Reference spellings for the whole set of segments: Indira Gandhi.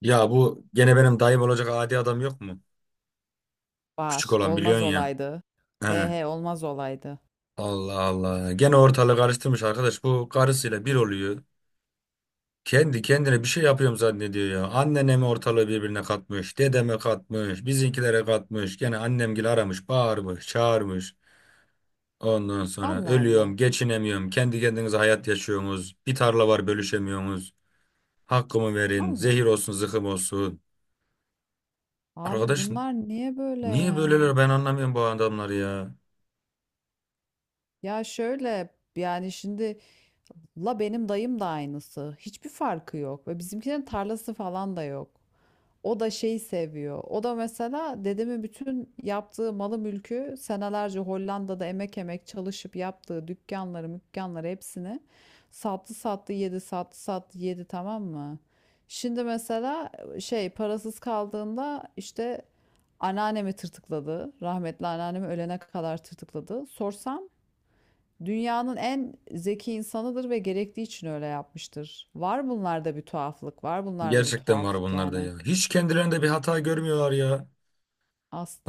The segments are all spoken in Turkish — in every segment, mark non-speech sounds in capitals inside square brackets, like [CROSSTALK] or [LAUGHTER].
Ya bu gene benim dayım olacak adi adam yok mu? Küçük Var. olan Olmaz biliyorsun ya. olaydı. He He. he olmaz olaydı. Allah Allah. Gene ortalığı karıştırmış arkadaş. Bu karısıyla bir oluyor. Kendi kendine bir şey yapıyorum zannediyor ya. Annene mi ortalığı birbirine katmış, dedeme katmış, bizimkilere katmış. Gene annemgili aramış, bağırmış, çağırmış. Ondan sonra Allah Allah. ölüyorum, geçinemiyorum. Kendi kendinize hayat yaşıyorsunuz. Bir tarla var bölüşemiyorsunuz. Hakkımı verin, Allah Allah. zehir olsun, zıkkım olsun. Abi Arkadaş bunlar niye böyle niye ya? böyleler ben anlamıyorum bu adamları ya. Ya şöyle yani şimdi la benim dayım da aynısı. Hiçbir farkı yok. Ve bizimkilerin tarlası falan da yok. O da şeyi seviyor. O da mesela dedemin bütün yaptığı malı mülkü senelerce Hollanda'da emek emek çalışıp yaptığı dükkanları, mükkanları hepsini sattı sattı yedi, sattı sattı yedi tamam mı? Şimdi mesela şey parasız kaldığında işte anneannemi tırtıkladı. Rahmetli anneannemi ölene kadar tırtıkladı. Sorsam dünyanın en zeki insanıdır ve gerektiği için öyle yapmıştır. Var bunlarda bir tuhaflık, var bunlarda bir Gerçekten var tuhaflık bunlarda yani. ya. Hiç kendilerinde bir hata görmüyorlar ya.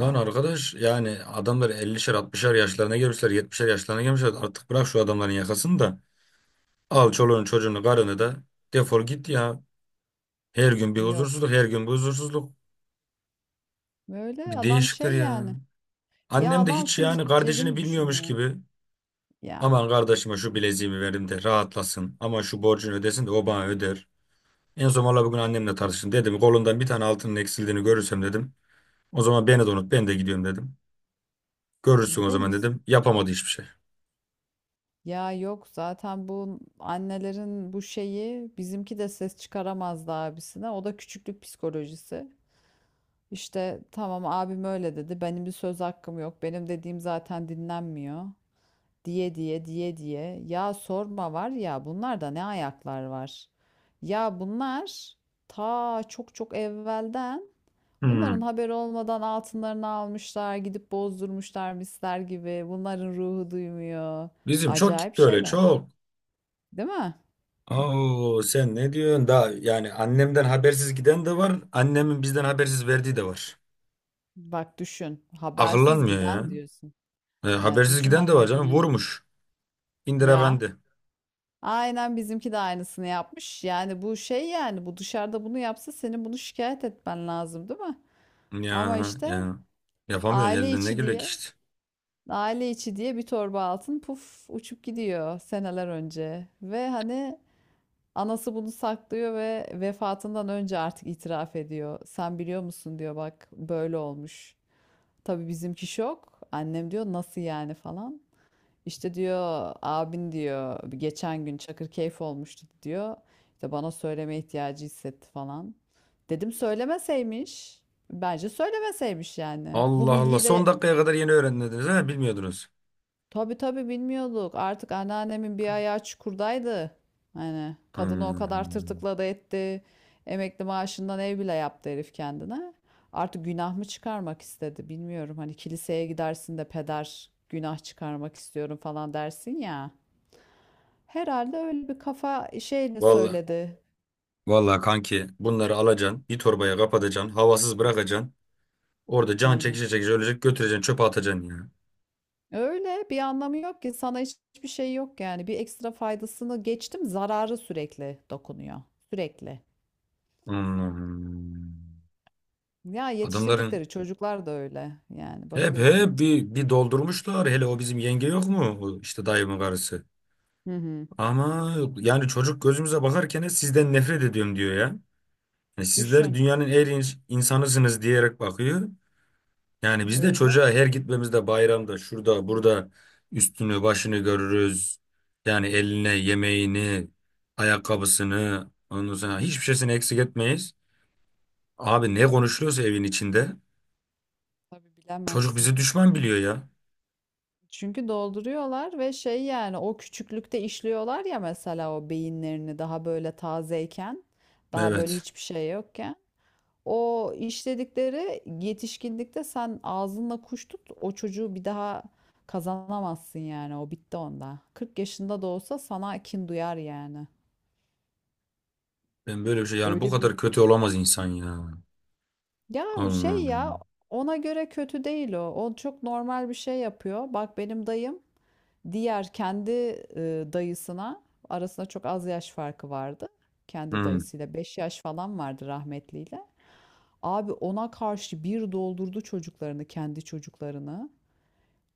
Lan arkadaş yani adamlar 50'şer 60'şer yaşlarına gelmişler 70'şer yaşlarına gelmişler. Artık bırak şu adamların yakasını da al çoluğunu çocuğunu karını da defol git ya. Her gün bir Yok. huzursuzluk, her gün bir huzursuzluk. Böyle Bir adam değişikler şey ya. yani. Ya Annem de adam hiç full yani kardeşini cebini bilmiyormuş düşünüyor. gibi. Ya Aman kardeşime şu bileziğimi verim de rahatlasın. Aman şu borcunu ödesin de o bana öder. En son valla bugün annemle tartıştım. Dedim kolundan bir tane altının eksildiğini görürsem dedim. O zaman beni de unut, ben de gidiyorum dedim. Görürsün iyi o zaman demiş. dedim. Yapamadı hiçbir şey. Ya yok zaten bu annelerin bu şeyi bizimki de ses çıkaramazdı abisine. O da küçüklük psikolojisi. İşte tamam abim öyle dedi. Benim bir söz hakkım yok. Benim dediğim zaten dinlenmiyor. Diye diye diye diye. Ya sorma var ya bunlarda ne ayaklar var. Ya bunlar ta çok çok evvelden bunların Hmm. haberi olmadan altınlarını almışlar, gidip bozdurmuşlar misler gibi. Bunların ruhu duymuyor. Bizim çok Acayip gitti öyle, şeyler, çok. değil mi? Oo, sen ne diyorsun? Daha yani annemden habersiz giden de var. Annemin bizden habersiz verdiği de var. Bak düşün, habersiz Akıllanmıyor ya. giden diyorsun. E, Ya habersiz düşün giden de ha var ha. canım. Ha. Vurmuş. Indira Ya Gandhi. aynen bizimki de aynısını yapmış. Yani bu şey yani bu dışarıda bunu yapsa senin bunu şikayet etmen lazım, değil mi? Ya Ama işte ya. Yapamıyorsun, aile elden ne içi geliyor ki diye. işte. Aile içi diye bir torba altın puf uçup gidiyor seneler önce. Ve hani anası bunu saklıyor ve vefatından önce artık itiraf ediyor. Sen biliyor musun diyor, bak böyle olmuş. Tabii bizimki şok. Annem diyor nasıl yani falan. İşte diyor abin diyor geçen gün Çakırkeyf olmuştu diyor. İşte bana söyleme ihtiyacı hissetti falan. Dedim söylemeseymiş. Bence söylemeseymiş yani. Bu Allah Allah. Son bilgiyle. dakikaya kadar yeni öğrendiniz ha, bilmiyordunuz. Tabii tabii bilmiyorduk. Artık anneannemin bir ayağı çukurdaydı. Hani kadını o kadar Hmm. tırtıkladı etti. Emekli maaşından ev bile yaptı herif kendine. Artık günah mı çıkarmak istedi bilmiyorum. Hani kiliseye gidersin de peder günah çıkarmak istiyorum falan dersin ya. Herhalde öyle bir kafa şeyle Vallahi. söyledi. Vallahi kanki bunları alacaksın. Bir torbaya kapatacaksın. Havasız bırakacaksın. Orada can Aynen. çekişe çekişe ölecek, götüreceksin çöpe atacaksın ya. Öyle bir anlamı yok ki sana hiçbir şey yok yani. Bir ekstra faydasını geçtim, zararı sürekli dokunuyor. Sürekli. Hmm. Ya Adamların yetiştirdikleri çocuklar da öyle. Yani hep bakıyorsun. hep bir doldurmuşlar. Hele o bizim yenge yok mu? O İşte dayımın karısı. Hı hı. Ama yani çocuk gözümüze bakarken sizden nefret ediyorum diyor ya. Yani sizler Düşün. dünyanın en iyi insanısınız diyerek bakıyor. Yani biz de Öyle. çocuğa her gitmemizde bayramda şurada burada üstünü başını görürüz. Yani eline yemeğini, ayakkabısını, ondan sonra hiçbir şeysini eksik etmeyiz. Abi ne konuşuluyorsa evin içinde Tabii çocuk bilemezsin. bizi düşman biliyor ya. Çünkü dolduruyorlar ve şey yani o küçüklükte işliyorlar ya mesela o beyinlerini daha böyle tazeyken, daha böyle Evet. hiçbir şey yokken. O işledikleri yetişkinlikte sen ağzınla kuş tut, o çocuğu bir daha kazanamazsın yani, o bitti onda. 40 yaşında da olsa sana kin duyar yani. Ben böyle bir şey yani bu Öyle bir. kadar kötü olamaz insan ya. Ya şey ya Allah'ım. ona göre kötü değil o. O çok normal bir şey yapıyor. Bak benim dayım, diğer kendi dayısına arasında çok az yaş farkı vardı. Kendi Hı. dayısıyla 5 yaş falan vardı rahmetliyle. Abi ona karşı bir doldurdu çocuklarını, kendi çocuklarını.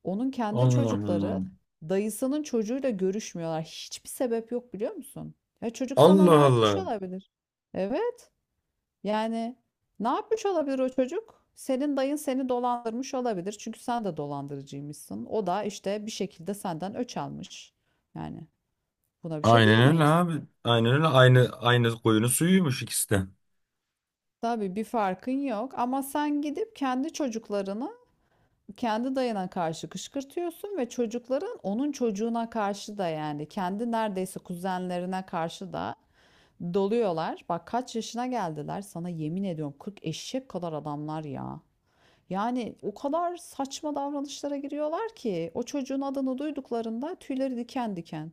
Onun kendi çocukları Allah'ım. dayısının çocuğuyla görüşmüyorlar. Hiçbir sebep yok biliyor musun? Ya çocuk sana Allah ne Allah. yapmış Allah. olabilir? Evet. Yani ne yapmış olabilir o çocuk? Senin dayın seni dolandırmış olabilir. Çünkü sen de dolandırıcıymışsın. O da işte bir şekilde senden öç almış. Yani buna bir şey Aynen öyle diyemeyiz. abi. Aynen öyle. Aynı aynı koyunun suyuymuş ikisi de. Tabii bir farkın yok, ama sen gidip kendi çocuklarını kendi dayına karşı kışkırtıyorsun ve çocukların onun çocuğuna karşı da yani kendi neredeyse kuzenlerine karşı da doluyorlar. Bak kaç yaşına geldiler, sana yemin ediyorum 40 eşek kadar adamlar ya. Yani o kadar saçma davranışlara giriyorlar ki o çocuğun adını duyduklarında tüyleri diken diken.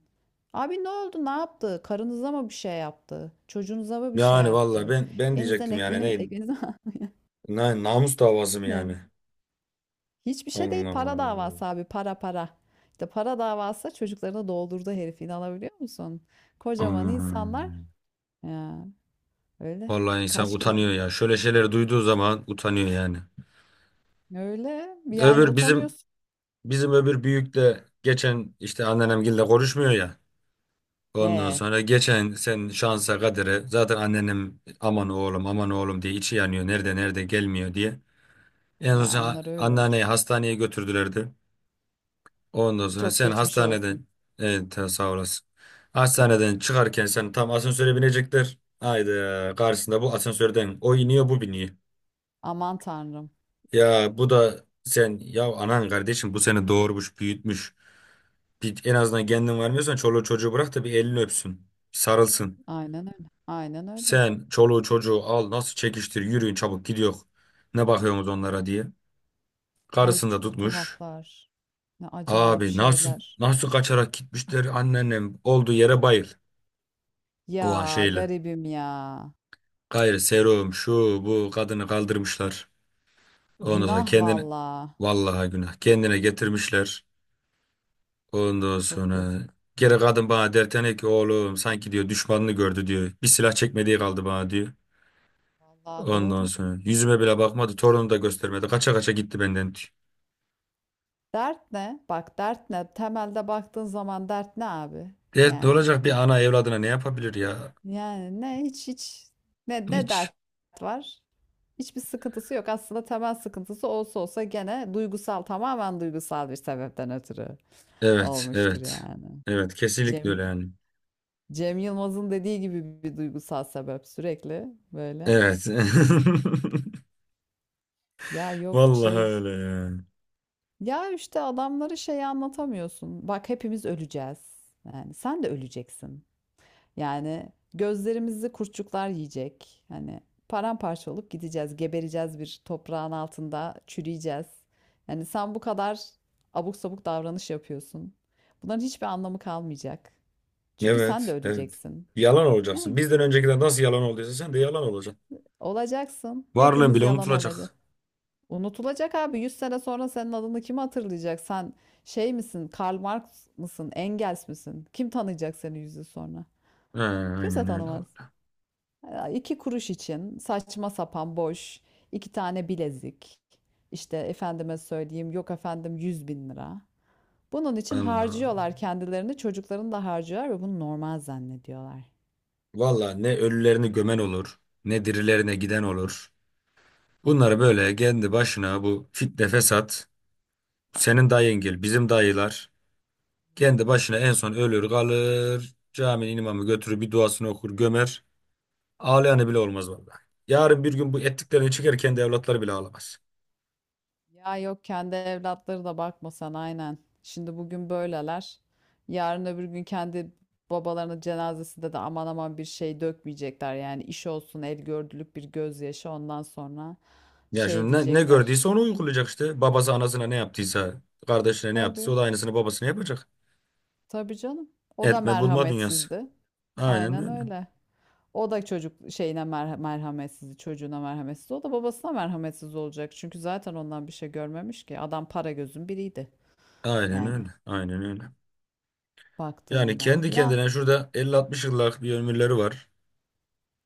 Abi ne oldu? Ne yaptı? Karınıza mı bir şey yaptı? Çocuğunuza mı bir şey Yani vallahi yaptı? ben Elinizden diyecektim yani ekmeğim ne, elinizden ne namus davası mı [LAUGHS] yani yani? hiçbir şey değil, Allah para Allah. davası abi, para para. İşte para davası, çocuklarını doldurdu herif, inanabiliyor musun? Kocaman insanlar Allah'ım. ya, öyle Vallahi insan kaç kere, utanıyor ya. Şöyle şeyleri duyduğu zaman utanıyor yani. öyle yani Öbür bizim utanıyorsun. Bizim öbür büyük de geçen işte anneannemgille konuşmuyor ya. Ondan He, sonra geçen sen şansa kadere zaten anneannem aman oğlum aman oğlum diye içi yanıyor. Nerede nerede gelmiyor diye. En ya son onlar öyle anneanneyi olur. hastaneye götürdülerdi. Ondan sonra Çok sen geçmiş olsun. hastaneden, evet ha, sağ olasın. Hastaneden çıkarken sen tam asansöre binecekler. Haydi karşısında bu asansörden o iniyor, bu biniyor. Aman tanrım. Ya bu da sen, ya anan kardeşim, bu seni doğurmuş büyütmüş. Bir, en azından kendin varmıyorsan çoluğu çocuğu bırak da bir elini öpsün. Bir sarılsın. Aynen öyle. Aynen öyle. Sen çoluğu çocuğu al nasıl çekiştir yürüyün çabuk gidiyor. Ne bakıyorsunuz onlara diye. Ay Karısını da çok tutmuş. tuhaflar. Ne acayip Abi nasıl şeyler. nasıl kaçarak gitmişler anneannem olduğu yere bayıl. O an Ya şeyle. garibim ya. Gayrı serum şu bu kadını kaldırmışlar. Ondan sonra Günah kendini valla. vallahi günah kendine getirmişler. Ondan Çok sonra yazık. geri kadın bana dertene ki oğlum sanki diyor düşmanını gördü diyor. Bir silah çekmediği kaldı bana diyor. Valla Ondan doğru. sonra yüzüme bile bakmadı. Torunu da göstermedi. Kaça kaça gitti benden, diyor. Dert ne? Bak dert ne? Temelde baktığın zaman dert ne abi? Evet, ne Yani olacak, bir bu. ana evladına ne yapabilir ya? Yani ne hiç ne Hiç. dert var? Hiçbir sıkıntısı yok. Aslında temel sıkıntısı olsa olsa gene duygusal, tamamen duygusal bir sebepten ötürü Evet, olmuştur evet. yani. Evet, kesinlikle Cem öyle yani. Cem Yılmaz'ın dediği gibi bir duygusal sebep sürekli böyle. Evet. [LAUGHS] Ya yok Vallahi şey. öyle yani. Ya işte adamları şey anlatamıyorsun. Bak hepimiz öleceğiz. Yani sen de öleceksin. Yani gözlerimizi kurtçuklar yiyecek. Hani paramparça olup gideceğiz, gebereceğiz bir toprağın altında, çürüyeceğiz. Yani sen bu kadar abuk sabuk davranış yapıyorsun. Bunların hiçbir anlamı kalmayacak. Çünkü sen de Evet, evet. öleceksin. Yalan olacaksın. Yani Bizden öncekiler nasıl yalan olduysa sen de yalan olacaksın. olacaksın. Varlığın Hepimiz bile yalan olacağız. unutulacak. Unutulacak abi. 100 sene sonra senin adını kim hatırlayacak? Sen şey misin? Karl Marx mısın? Engels misin? Kim tanıyacak seni 100 yıl sonra? He, Kimse aynen öyle. tanımaz. Oldu. Ya İki kuruş için saçma sapan boş, iki tane bilezik. İşte efendime söyleyeyim, yok efendim 100 bin lira. Bunun için Allah. harcıyorlar kendilerini, çocuklarını da harcıyorlar ve bunu normal zannediyorlar. Vallahi ne ölülerini gömen olur, ne dirilerine giden olur. Bunları böyle kendi başına bu fitne fesat, senin dayıngil, bizim dayılar. Kendi başına en son ölür kalır. Caminin imamı götürür bir duasını okur gömer. Ağlayanı bile olmaz vallahi. Yarın bir gün bu ettiklerini çeker, kendi evlatları bile ağlamaz. Ya yok, kendi evlatları da bakma sen, aynen. Şimdi bugün böyleler. Yarın öbür gün kendi babalarının cenazesinde de aman aman bir şey dökmeyecekler. Yani iş olsun el gördülük bir gözyaşı, ondan sonra Ya şey şimdi ne diyecekler. gördüyse onu uygulayacak işte. Babası anasına ne yaptıysa, kardeşine ne yaptıysa o Tabii da aynısını babasına yapacak. tabii canım. O da Etme bulma dünyası. merhametsizdi. Aynen Aynen öyle. öyle. O da çocuk şeyine merhametsizdi, çocuğuna merhametsiz. O da babasına merhametsiz olacak. Çünkü zaten ondan bir şey görmemiş ki. Adam para gözün biriydi. Aynen Yani öyle. Aynen öyle. Yani baktığında. kendi Ya kendine şurada 50-60 yıllık bir ömürleri var.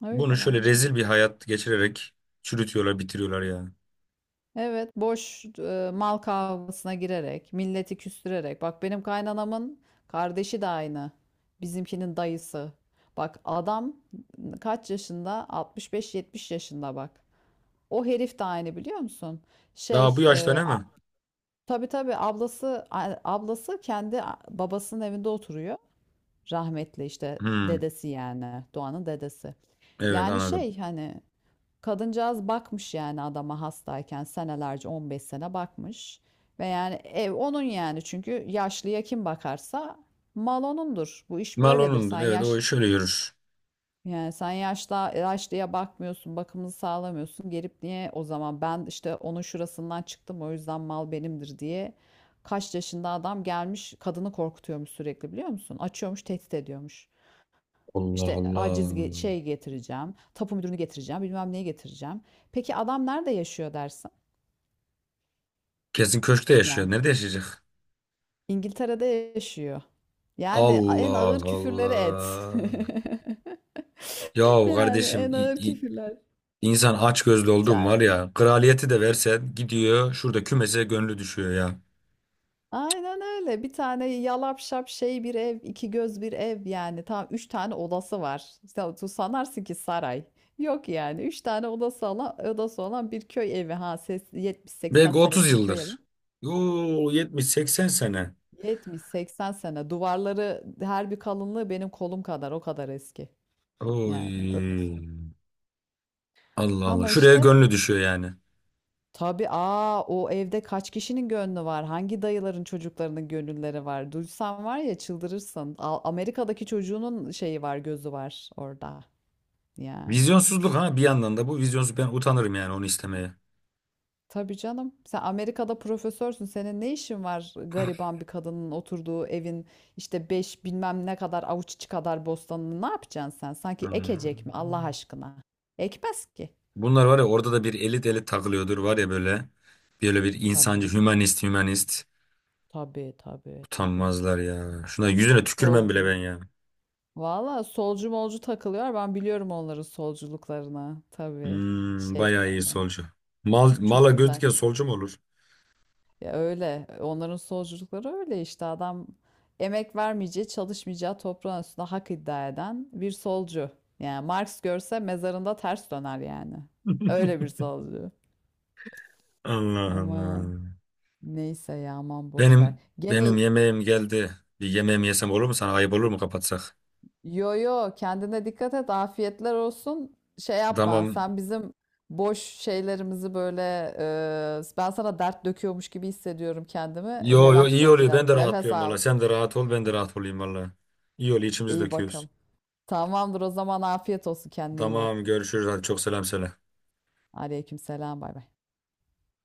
öyle Bunu şöyle valla. rezil bir hayat geçirerek çürütüyorlar, bitiriyorlar ya. Evet, boş mal kavgasına girerek, milleti küstürerek. Bak benim kaynanamın kardeşi de aynı. Bizimkinin dayısı. Bak adam kaç yaşında? 65-70 yaşında bak. O herif de aynı biliyor musun? Daha Şey, bu yaşta e, ne a, mi? tabii tabii ablası ablası kendi babasının evinde oturuyor. Rahmetli işte Hmm, dedesi, yani Doğan'ın dedesi. evet Yani anladım. şey hani. Kadıncağız bakmış yani adama, hastayken senelerce 15 sene bakmış. Ve yani ev onun yani, çünkü yaşlıya kim bakarsa mal onundur. Bu iş böyledir. Marlon'undur. Sen Evet yaş, o şöyle yürür. yani sen yaşta yaşlıya bakmıyorsun, bakımını sağlamıyorsun. Gelip niye o zaman ben işte onun şurasından çıktım o yüzden mal benimdir diye, kaç yaşında adam gelmiş kadını korkutuyormuş sürekli, biliyor musun? Açıyormuş, tehdit ediyormuş. Allah İşte Allah. aciz şey getireceğim, tapu müdürünü getireceğim, bilmem neyi getireceğim. Peki adam nerede yaşıyor dersin? Kesin köşkte yaşıyor. Yani Nerede yaşayacak? İngiltere'de yaşıyor. Yani en Allah ağır küfürleri et. Allah. [LAUGHS] Yahu Yani kardeşim en ağır küfürler. insan aç gözlü oldu mu Ya, var ya. Kraliyeti de versen gidiyor şurada kümese gönlü düşüyor ya. aynen öyle. Bir tane yalap şap şey bir ev, iki göz bir ev yani. Tam üç tane odası var. Sen, sanarsın ki saray. Yok yani. Üç tane odası olan, odası olan bir köy evi. Ha ses 70-80 Belki 30 senelik bir köy evi. yıldır. Yo 70-80 sene. 70-80 sene. Duvarları, her bir kalınlığı benim kolum kadar. O kadar eski. Yani öyle Oy. söyleyeyim. Allah Allah. Ama Şuraya işte gönlü düşüyor yani. tabii o evde kaç kişinin gönlü var? Hangi dayıların çocuklarının gönülleri var? Duysan var ya çıldırırsın. Amerika'daki çocuğunun şeyi var, gözü var orada. Ya. Vizyonsuzluk, ha bir yandan da bu vizyonsuz, ben utanırım yani onu istemeye. Tabii canım. Sen Amerika'da profesörsün. Senin ne işin var gariban bir kadının oturduğu evin işte beş bilmem ne kadar avuç içi kadar bostanını, ne yapacaksın sen? Sanki ekecek mi Hmm. Allah aşkına? Ekmez ki. Bunlar var ya orada da bir elit elit takılıyordur var ya böyle. Böyle bir insancı, Tabii. hümanist, hümanist. Tabii tabii tabii. Utanmazlar ya. Şuna yüzüne tükürmem bile Solcu. ben ya. Valla solcu molcu takılıyor. Ben biliyorum onların solculuklarını. Tabii. Hmm, Şey bayağı iyi yani. solcu. Mal, mala Çok göz güzel. diken solcu mu olur? Ya öyle. Onların solculukları öyle işte. Adam emek vermeyeceği, çalışmayacağı toprağın üstünde hak iddia eden bir solcu. Yani Marx görse mezarında ters döner yani. [LAUGHS] Öyle bir solcu. Allah Yaman. Allah. Neyse ya aman boş ver. Benim benim Gene. yemeğim geldi. Bir yemeğimi yesem olur mu sana? Ayıp olur mu kapatsak? Yo yo, kendine dikkat et. Afiyetler olsun. Şey yapma. Tamam. Sen bizim boş şeylerimizi böyle ben sana dert döküyormuş gibi hissediyorum kendimi. Yo yo Relax iyi ol oluyor. biraz. Ben de Nefes rahatlıyorum al. valla. Sen de rahat ol, ben de rahat olayım valla. İyi oluyor, içimizi İyi döküyoruz. bakalım. Tamamdır o zaman, afiyet olsun, kendine iyi bak. Tamam görüşürüz. Hadi çok selam söyle. Aleykümselam bay bay.